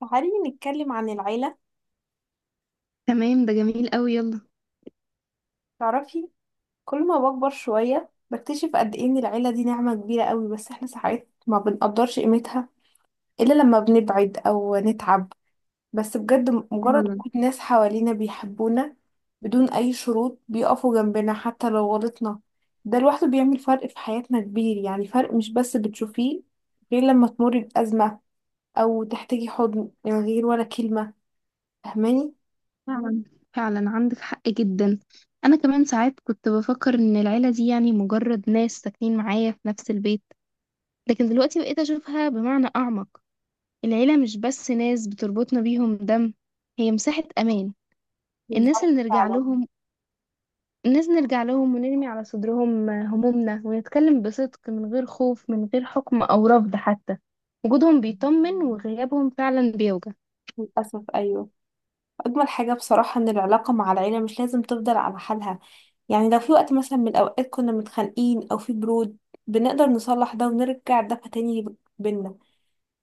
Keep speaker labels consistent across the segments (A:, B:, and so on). A: تعالي نتكلم عن العيلة.
B: تمام، ده جميل قوي، يلا.
A: تعرفي، كل ما بكبر شوية بكتشف قد ايه ان العيلة دي نعمة كبيرة قوي، بس احنا ساعات ما بنقدرش قيمتها الا لما بنبعد او نتعب. بس بجد مجرد
B: فعلا
A: وجود ناس حوالينا بيحبونا بدون اي شروط، بيقفوا جنبنا حتى لو غلطنا، ده لوحده بيعمل فرق في حياتنا كبير. يعني فرق مش بس بتشوفيه غير لما تمر بأزمة او تحتاجي حضن من غير ولا كلمة، فاهماني؟
B: فعلا. فعلا، عندك حق جدا. انا كمان ساعات كنت بفكر ان العيله دي يعني مجرد ناس ساكنين معايا في نفس البيت، لكن دلوقتي بقيت اشوفها بمعنى اعمق. العيله مش بس ناس بتربطنا بيهم دم، هي مساحه امان. الناس
A: بالظبط
B: اللي نرجع
A: فعلا.
B: لهم، الناس نرجع لهم ونرمي على صدرهم همومنا ونتكلم بصدق من غير خوف، من غير حكم او رفض حتى. وجودهم بيطمن، وغيابهم فعلا بيوجع.
A: للأسف أيوه. أجمل حاجة بصراحة إن العلاقة مع العيلة مش لازم تفضل على حالها. يعني لو في وقت مثلا من الأوقات كنا متخانقين أو في برود، بنقدر نصلح ده ونرجع ده تاني بينا.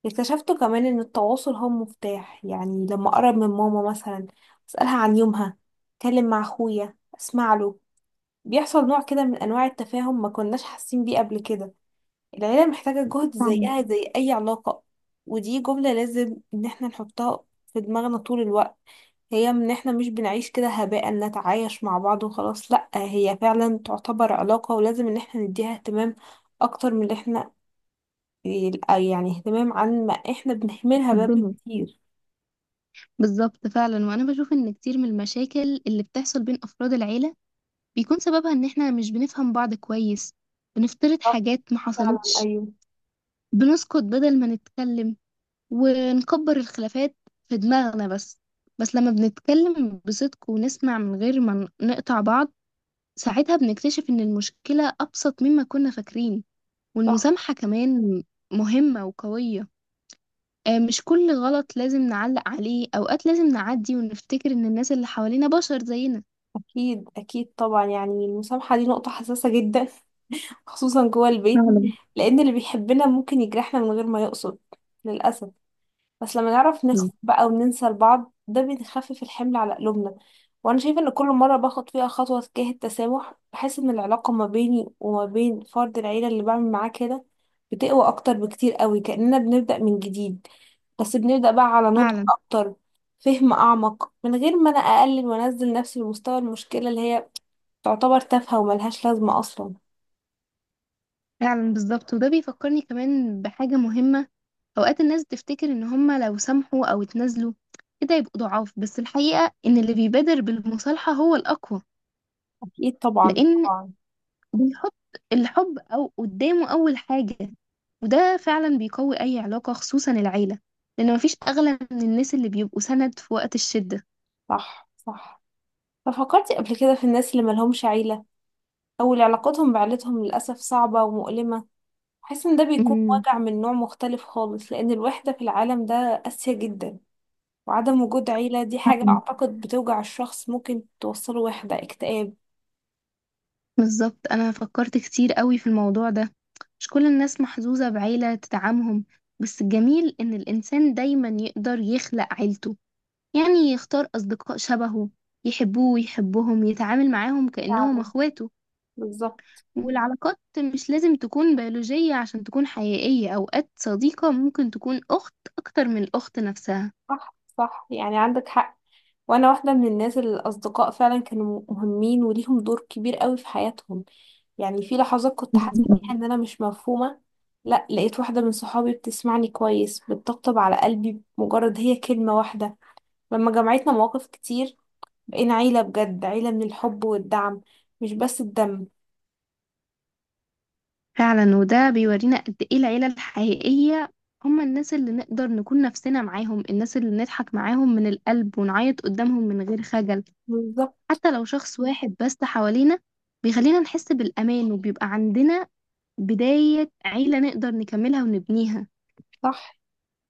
A: اكتشفت كمان إن التواصل هو مفتاح. يعني لما أقرب من ماما مثلا، أسألها عن يومها، أتكلم مع أخويا أسمع له، بيحصل نوع كده من أنواع التفاهم ما كناش حاسين بيه قبل كده. العيلة محتاجة جهد
B: فعلا.
A: زيها زي أي علاقة. ودي جملة لازم إن احنا نحطها في دماغنا طول الوقت، هي ان احنا مش بنعيش كده هباء، نتعايش مع بعض وخلاص، لا هي فعلا تعتبر علاقة ولازم ان احنا نديها اهتمام اكتر من اللي احنا، يعني اهتمام عن ما احنا بنهملها بقى
B: الدنيا.
A: كتير.
B: بالظبط، فعلا. وانا بشوف ان كتير من المشاكل اللي بتحصل بين افراد العيله بيكون سببها ان احنا مش بنفهم بعض كويس، بنفترض
A: صح.
B: حاجات ما
A: فعلا
B: حصلتش،
A: ايوه.
B: بنسكت بدل ما نتكلم ونكبر الخلافات في دماغنا بس. بس لما بنتكلم بصدق ونسمع من غير ما نقطع بعض، ساعتها بنكتشف ان المشكله ابسط مما كنا فاكرين.
A: صح.
B: والمسامحه كمان مهمه وقويه. آه، مش كل غلط لازم نعلق عليه، أوقات لازم نعدي ونفتكر إن الناس اللي حوالينا بشر زينا.
A: اكيد اكيد طبعا، يعني المسامحة دي نقطة حساسة جدا. خصوصا جوه البيت،
B: فعلا.
A: لان اللي بيحبنا ممكن يجرحنا من غير ما يقصد للأسف. بس لما نعرف نخف بقى وننسى لبعض، ده بيخفف الحمل على قلوبنا. وانا شايفه ان كل مره باخد فيها خطوه تجاه التسامح، بحس ان العلاقه ما بيني وما بين فرد العيله اللي بعمل معاه كده بتقوى اكتر بكتير قوي، كاننا بنبدا من جديد بس بنبدا بقى على نضج
B: فعلا.
A: اكتر، فهم اعمق من غير ما انا اقلل وانزل نفسي لمستوى المشكله اللي هي تعتبر تافهه وملهاش لازمه اصلا.
B: فعلا. بالظبط، وده بيفكرني كمان بحاجة مهمة. أوقات الناس بتفتكر إن هما لو سامحوا أو اتنازلوا كده يبقوا ضعاف، بس الحقيقة إن اللي بيبادر بالمصالحة هو الأقوى.
A: اكيد طبعا.
B: لأن
A: طبعا.
B: بيحط الحب أو قدامه أول حاجة، وده فعلا بيقوي أي علاقة، خصوصا العيلة، لأن مفيش أغلى من الناس اللي بيبقوا سند في وقت الشدة.
A: صح صح. ففكرتي قبل كده في الناس اللي ملهمش عيله، أول علاقتهم بعيلتهم للأسف صعبة ومؤلمة. بحس إن ده بيكون
B: امم
A: وجع من نوع مختلف خالص، لأن الوحدة في العالم ده قاسية جدا. وعدم وجود عيلة دي حاجة أعتقد بتوجع الشخص، ممكن توصله وحدة اكتئاب.
B: بالظبط، انا فكرت كتير قوي في الموضوع ده. مش كل الناس محظوظة بعيلة تدعمهم، بس الجميل ان الانسان دايما يقدر يخلق عيلته، يعني يختار اصدقاء شبهه يحبوه ويحبهم، يتعامل معاهم كأنهم
A: فعلا
B: اخواته.
A: بالظبط.
B: والعلاقات مش لازم تكون بيولوجية عشان تكون حقيقية، اوقات صديقة ممكن تكون اخت اكتر من الاخت نفسها.
A: صح صح يعني عندك حق. وأنا واحدة من الناس اللي الأصدقاء فعلا كانوا مهمين وليهم دور كبير قوي في حياتهم. يعني في لحظات كنت حاسة فيها إن أنا مش مفهومة، لا لقيت واحدة من صحابي بتسمعني كويس، بتطبطب على قلبي بمجرد هي كلمة واحدة. لما جمعتنا مواقف كتير، بقينا عيلة بجد، عيلة من الحب والدعم مش بس الدم.
B: فعلا، وده بيورينا قد ايه العيلة الحقيقية، هما الناس اللي نقدر نكون نفسنا معاهم، الناس اللي نضحك معاهم من القلب ونعيط قدامهم من غير خجل.
A: بالظبط.
B: حتى لو شخص واحد بس حوالينا بيخلينا نحس بالأمان، وبيبقى عندنا بداية عيلة نقدر نكملها ونبنيها.
A: صح.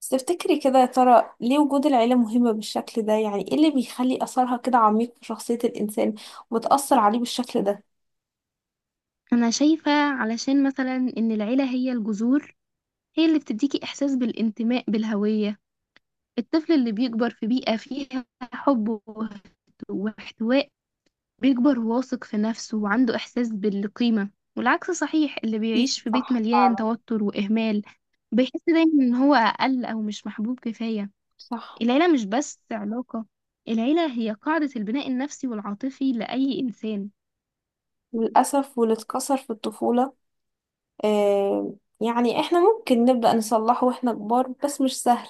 A: بس تفتكري كده يا ترى ليه وجود العيلة مهمة بالشكل ده؟ يعني ايه اللي بيخلي أثرها كده عميق في شخصية الإنسان وتأثر عليه بالشكل ده؟
B: أنا شايفة، علشان مثلا، إن العيلة هي الجذور، هي اللي بتديكي إحساس بالانتماء، بالهوية. الطفل اللي بيكبر في بيئة فيها حب واحتواء بيكبر واثق في نفسه وعنده إحساس بالقيمة، والعكس صحيح، اللي
A: إيه
B: بيعيش في بيت
A: صح
B: مليان
A: فعلا.
B: توتر وإهمال بيحس دايما إن هو أقل أو مش محبوب كفاية.
A: صح.
B: العيلة مش بس علاقة، العيلة هي قاعدة البناء النفسي والعاطفي لأي إنسان.
A: للأسف، واللي اتكسر في الطفولة آه، يعني احنا ممكن نبدأ نصلحه واحنا كبار بس مش سهل،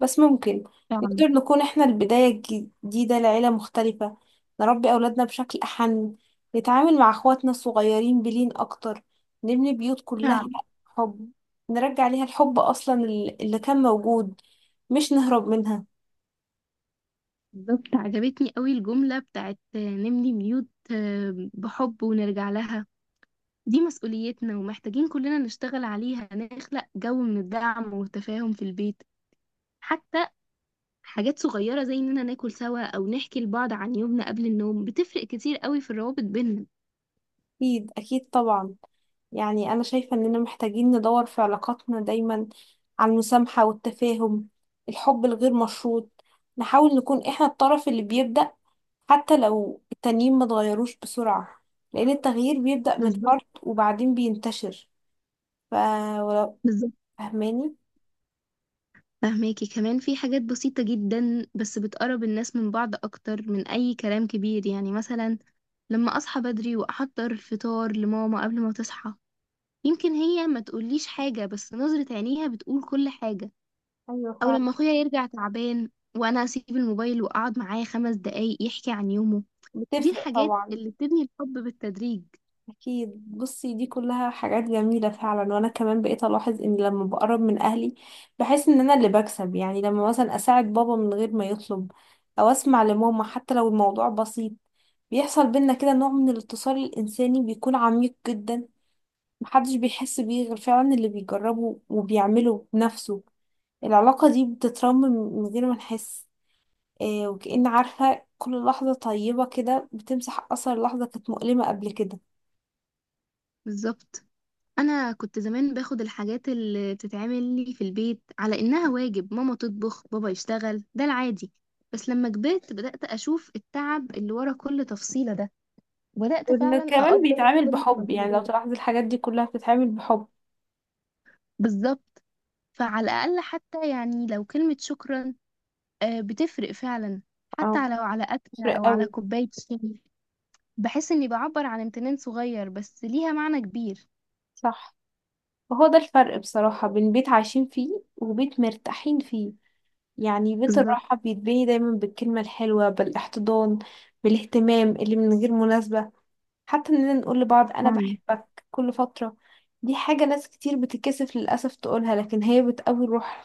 A: بس ممكن.
B: فعلا.
A: نقدر نكون احنا البداية الجديدة لعيلة مختلفة، نربي أولادنا بشكل أحن، نتعامل مع أخواتنا الصغيرين بلين أكتر، نبني بيوت كلها
B: فعلا.
A: حب، نرجع ليها الحب أصلا اللي كان موجود، مش نهرب منها.
B: بالظبط، عجبتني قوي الجملة بتاعت نبني بيوت بحب ونرجع لها. دي مسؤوليتنا، ومحتاجين كلنا نشتغل عليها، نخلق جو من الدعم والتفاهم في البيت، حتى حاجات صغيرة زي إننا ناكل سوا أو نحكي لبعض عن يومنا قبل النوم بتفرق كتير قوي في الروابط بيننا.
A: أكيد أكيد طبعا. يعني أنا شايفة إننا محتاجين ندور في علاقاتنا دايما على المسامحة والتفاهم، الحب الغير مشروط. نحاول نكون إحنا الطرف اللي بيبدأ حتى لو التانيين ما اتغيروش بسرعة، لأن التغيير بيبدأ من
B: بالظبط.
A: فرد وبعدين بينتشر. ف
B: بالظبط،
A: فهماني؟
B: فهماكي، كمان في حاجات بسيطة جدا بس بتقرب الناس من بعض أكتر من أي كلام كبير، يعني مثلا لما أصحى بدري وأحضر الفطار لماما قبل ما تصحى، يمكن هي ما تقوليش حاجة بس نظرة عينيها بتقول كل حاجة.
A: أيوة
B: أو
A: فعلا.
B: لما أخويا يرجع تعبان وأنا أسيب الموبايل وأقعد معاه 5 دقايق يحكي عن يومه، دي
A: بتفرق
B: الحاجات
A: طبعا.
B: اللي بتبني الحب بالتدريج.
A: أكيد. بصي دي كلها حاجات جميلة فعلا، وأنا كمان بقيت ألاحظ إن لما بقرب من أهلي بحس إن أنا اللي بكسب. يعني لما مثلا أساعد بابا من غير ما يطلب أو أسمع لماما حتى لو الموضوع بسيط، بيحصل بينا كده نوع من الاتصال الإنساني بيكون عميق جدا، محدش بيحس بيه غير فعلا اللي بيجربه وبيعمله بنفسه. العلاقة دي بتترمم من غير ما نحس. إيه وكأن عارفة، كل لحظة طيبة كده بتمسح أثر لحظة كانت مؤلمة قبل كده.
B: بالظبط، انا كنت زمان باخد الحاجات اللي بتتعمل لي في البيت على انها واجب، ماما تطبخ، بابا يشتغل، ده العادي، بس لما كبرت بدأت اشوف التعب اللي ورا كل تفصيلة ده، وبدأت
A: وإن
B: فعلا
A: كمان
B: اقدر
A: بيتعامل
B: كل
A: بحب، يعني لو
B: المجهودات.
A: تلاحظي الحاجات دي كلها بتتعامل بحب.
B: بالظبط، فعلى الاقل حتى يعني لو كلمة شكرا بتفرق فعلا،
A: اه
B: حتى لو على اكلة
A: فرق
B: او على
A: قوي.
B: كوباية شاي. بحس اني بعبر عن امتنان صغير بس ليها معنى كبير.
A: صح. وهو ده الفرق بصراحة بين بيت عايشين فيه وبيت مرتاحين فيه. يعني بيت
B: بالظبط.
A: الراحة بيتبني دايما بالكلمة الحلوة، بالاحتضان، بالاهتمام اللي من غير مناسبة، حتى إننا نقول لبعض أنا
B: فعلا.
A: بحبك كل فترة. دي حاجة ناس كتير بتتكسف للأسف تقولها، لكن هي بتقوي الروح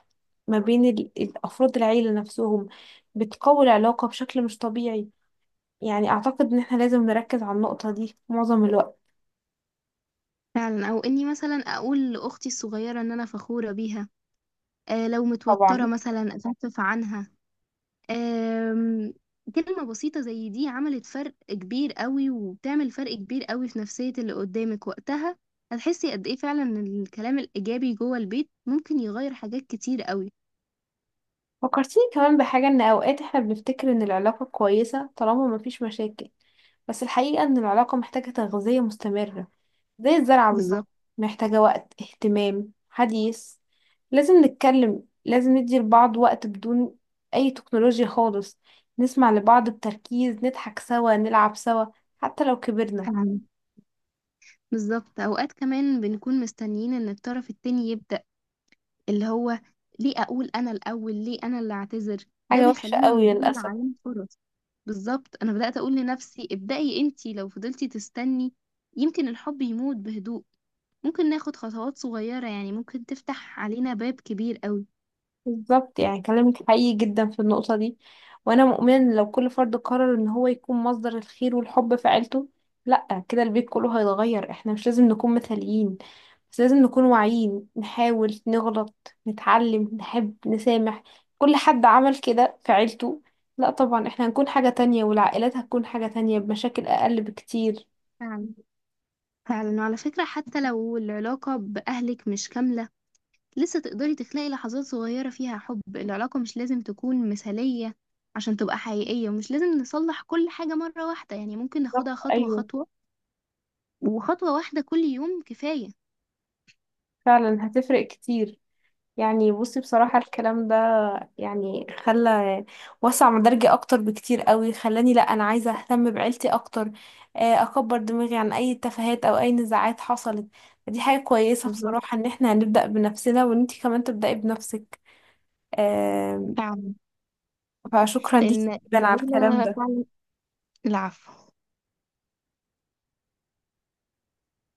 A: ما بين الأفراد العيلة نفسهم، بتقوي العلاقة بشكل مش طبيعي. يعني اعتقد ان احنا لازم نركز على النقطة دي معظم الوقت.
B: فعلا، او اني مثلا اقول لاختي الصغيره ان انا فخوره بيها، لو متوترة
A: طبعا.
B: مثلا أخفف عنها. آم، كلمة بسيطة زي دي عملت فرق كبير قوي وبتعمل فرق كبير قوي في نفسية اللي قدامك وقتها، هتحسي قد إيه فعلا إن الكلام الإيجابي جوه البيت ممكن يغير حاجات كتير قوي.
A: فكرتيني كمان بحاجة، ان اوقات احنا بنفتكر ان العلاقة كويسة طالما مفيش مشاكل، بس الحقيقة ان العلاقة محتاجة تغذية مستمرة، زي الزرعة بالظبط.
B: بالظبط.
A: محتاجة وقت، اهتمام، حديث، لازم نتكلم، لازم ندي لبعض وقت بدون اي تكنولوجيا خالص، نسمع لبعض بتركيز، نضحك سوا، نلعب سوا، حتى لو كبرنا.
B: فعلا. بالظبط، أوقات كمان بنكون مستنيين إن الطرف التاني يبدأ، اللي هو ليه اقول انا الاول، ليه انا اللي اعتذر، ده
A: حاجة وحشة
B: بيخلينا
A: قوي
B: نضيع
A: للأسف.
B: علينا فرص. بالظبط، انا بدأت اقول لنفسي ابدأي انتي، لو فضلتي تستني يمكن الحب يموت بهدوء، ممكن ناخد خطوات صغيرة يعني ممكن تفتح علينا باب كبير قوي.
A: بالظبط، يعني كلامك حقيقي جدا في النقطة دي. وأنا مؤمنة إن لو كل فرد قرر إن هو يكون مصدر الخير والحب في عيلته، لأ كده البيت كله هيتغير. احنا مش لازم نكون مثاليين بس لازم نكون واعيين، نحاول، نغلط، نتعلم، نحب، نسامح. كل حد عمل كده في عيلته، لأ طبعا احنا هنكون حاجة تانية، والعائلات هتكون حاجة تانية بمشاكل أقل بكتير.
B: فعلا. فعلا، وعلى فكرة حتى لو العلاقة بأهلك مش كاملة، لسه تقدري تخلقي لحظات صغيرة فيها حب، العلاقة مش لازم تكون مثالية عشان تبقى حقيقية، ومش لازم نصلح كل حاجة مرة واحدة، يعني ممكن
A: بالظبط
B: ناخدها خطوة
A: أيوه.
B: خطوة. وخطوة واحدة كل يوم كفاية.
A: فعلا هتفرق كتير. يعني بصي بصراحة الكلام ده يعني خلى، وسع مدارجي أكتر بكتير قوي، خلاني لأ أنا عايزة أهتم بعيلتي أكتر، أكبر دماغي عن أي تفاهات أو أي نزاعات حصلت. دي حاجة كويسة
B: بالظبط.
A: بصراحة إن احنا هنبدأ بنفسنا وإن انتي كمان تبدأي بنفسك. آه،
B: فعلا.
A: فشكرا ليكي
B: لأن
A: جدا على الكلام
B: العيلة
A: ده.
B: فعلا. العفو.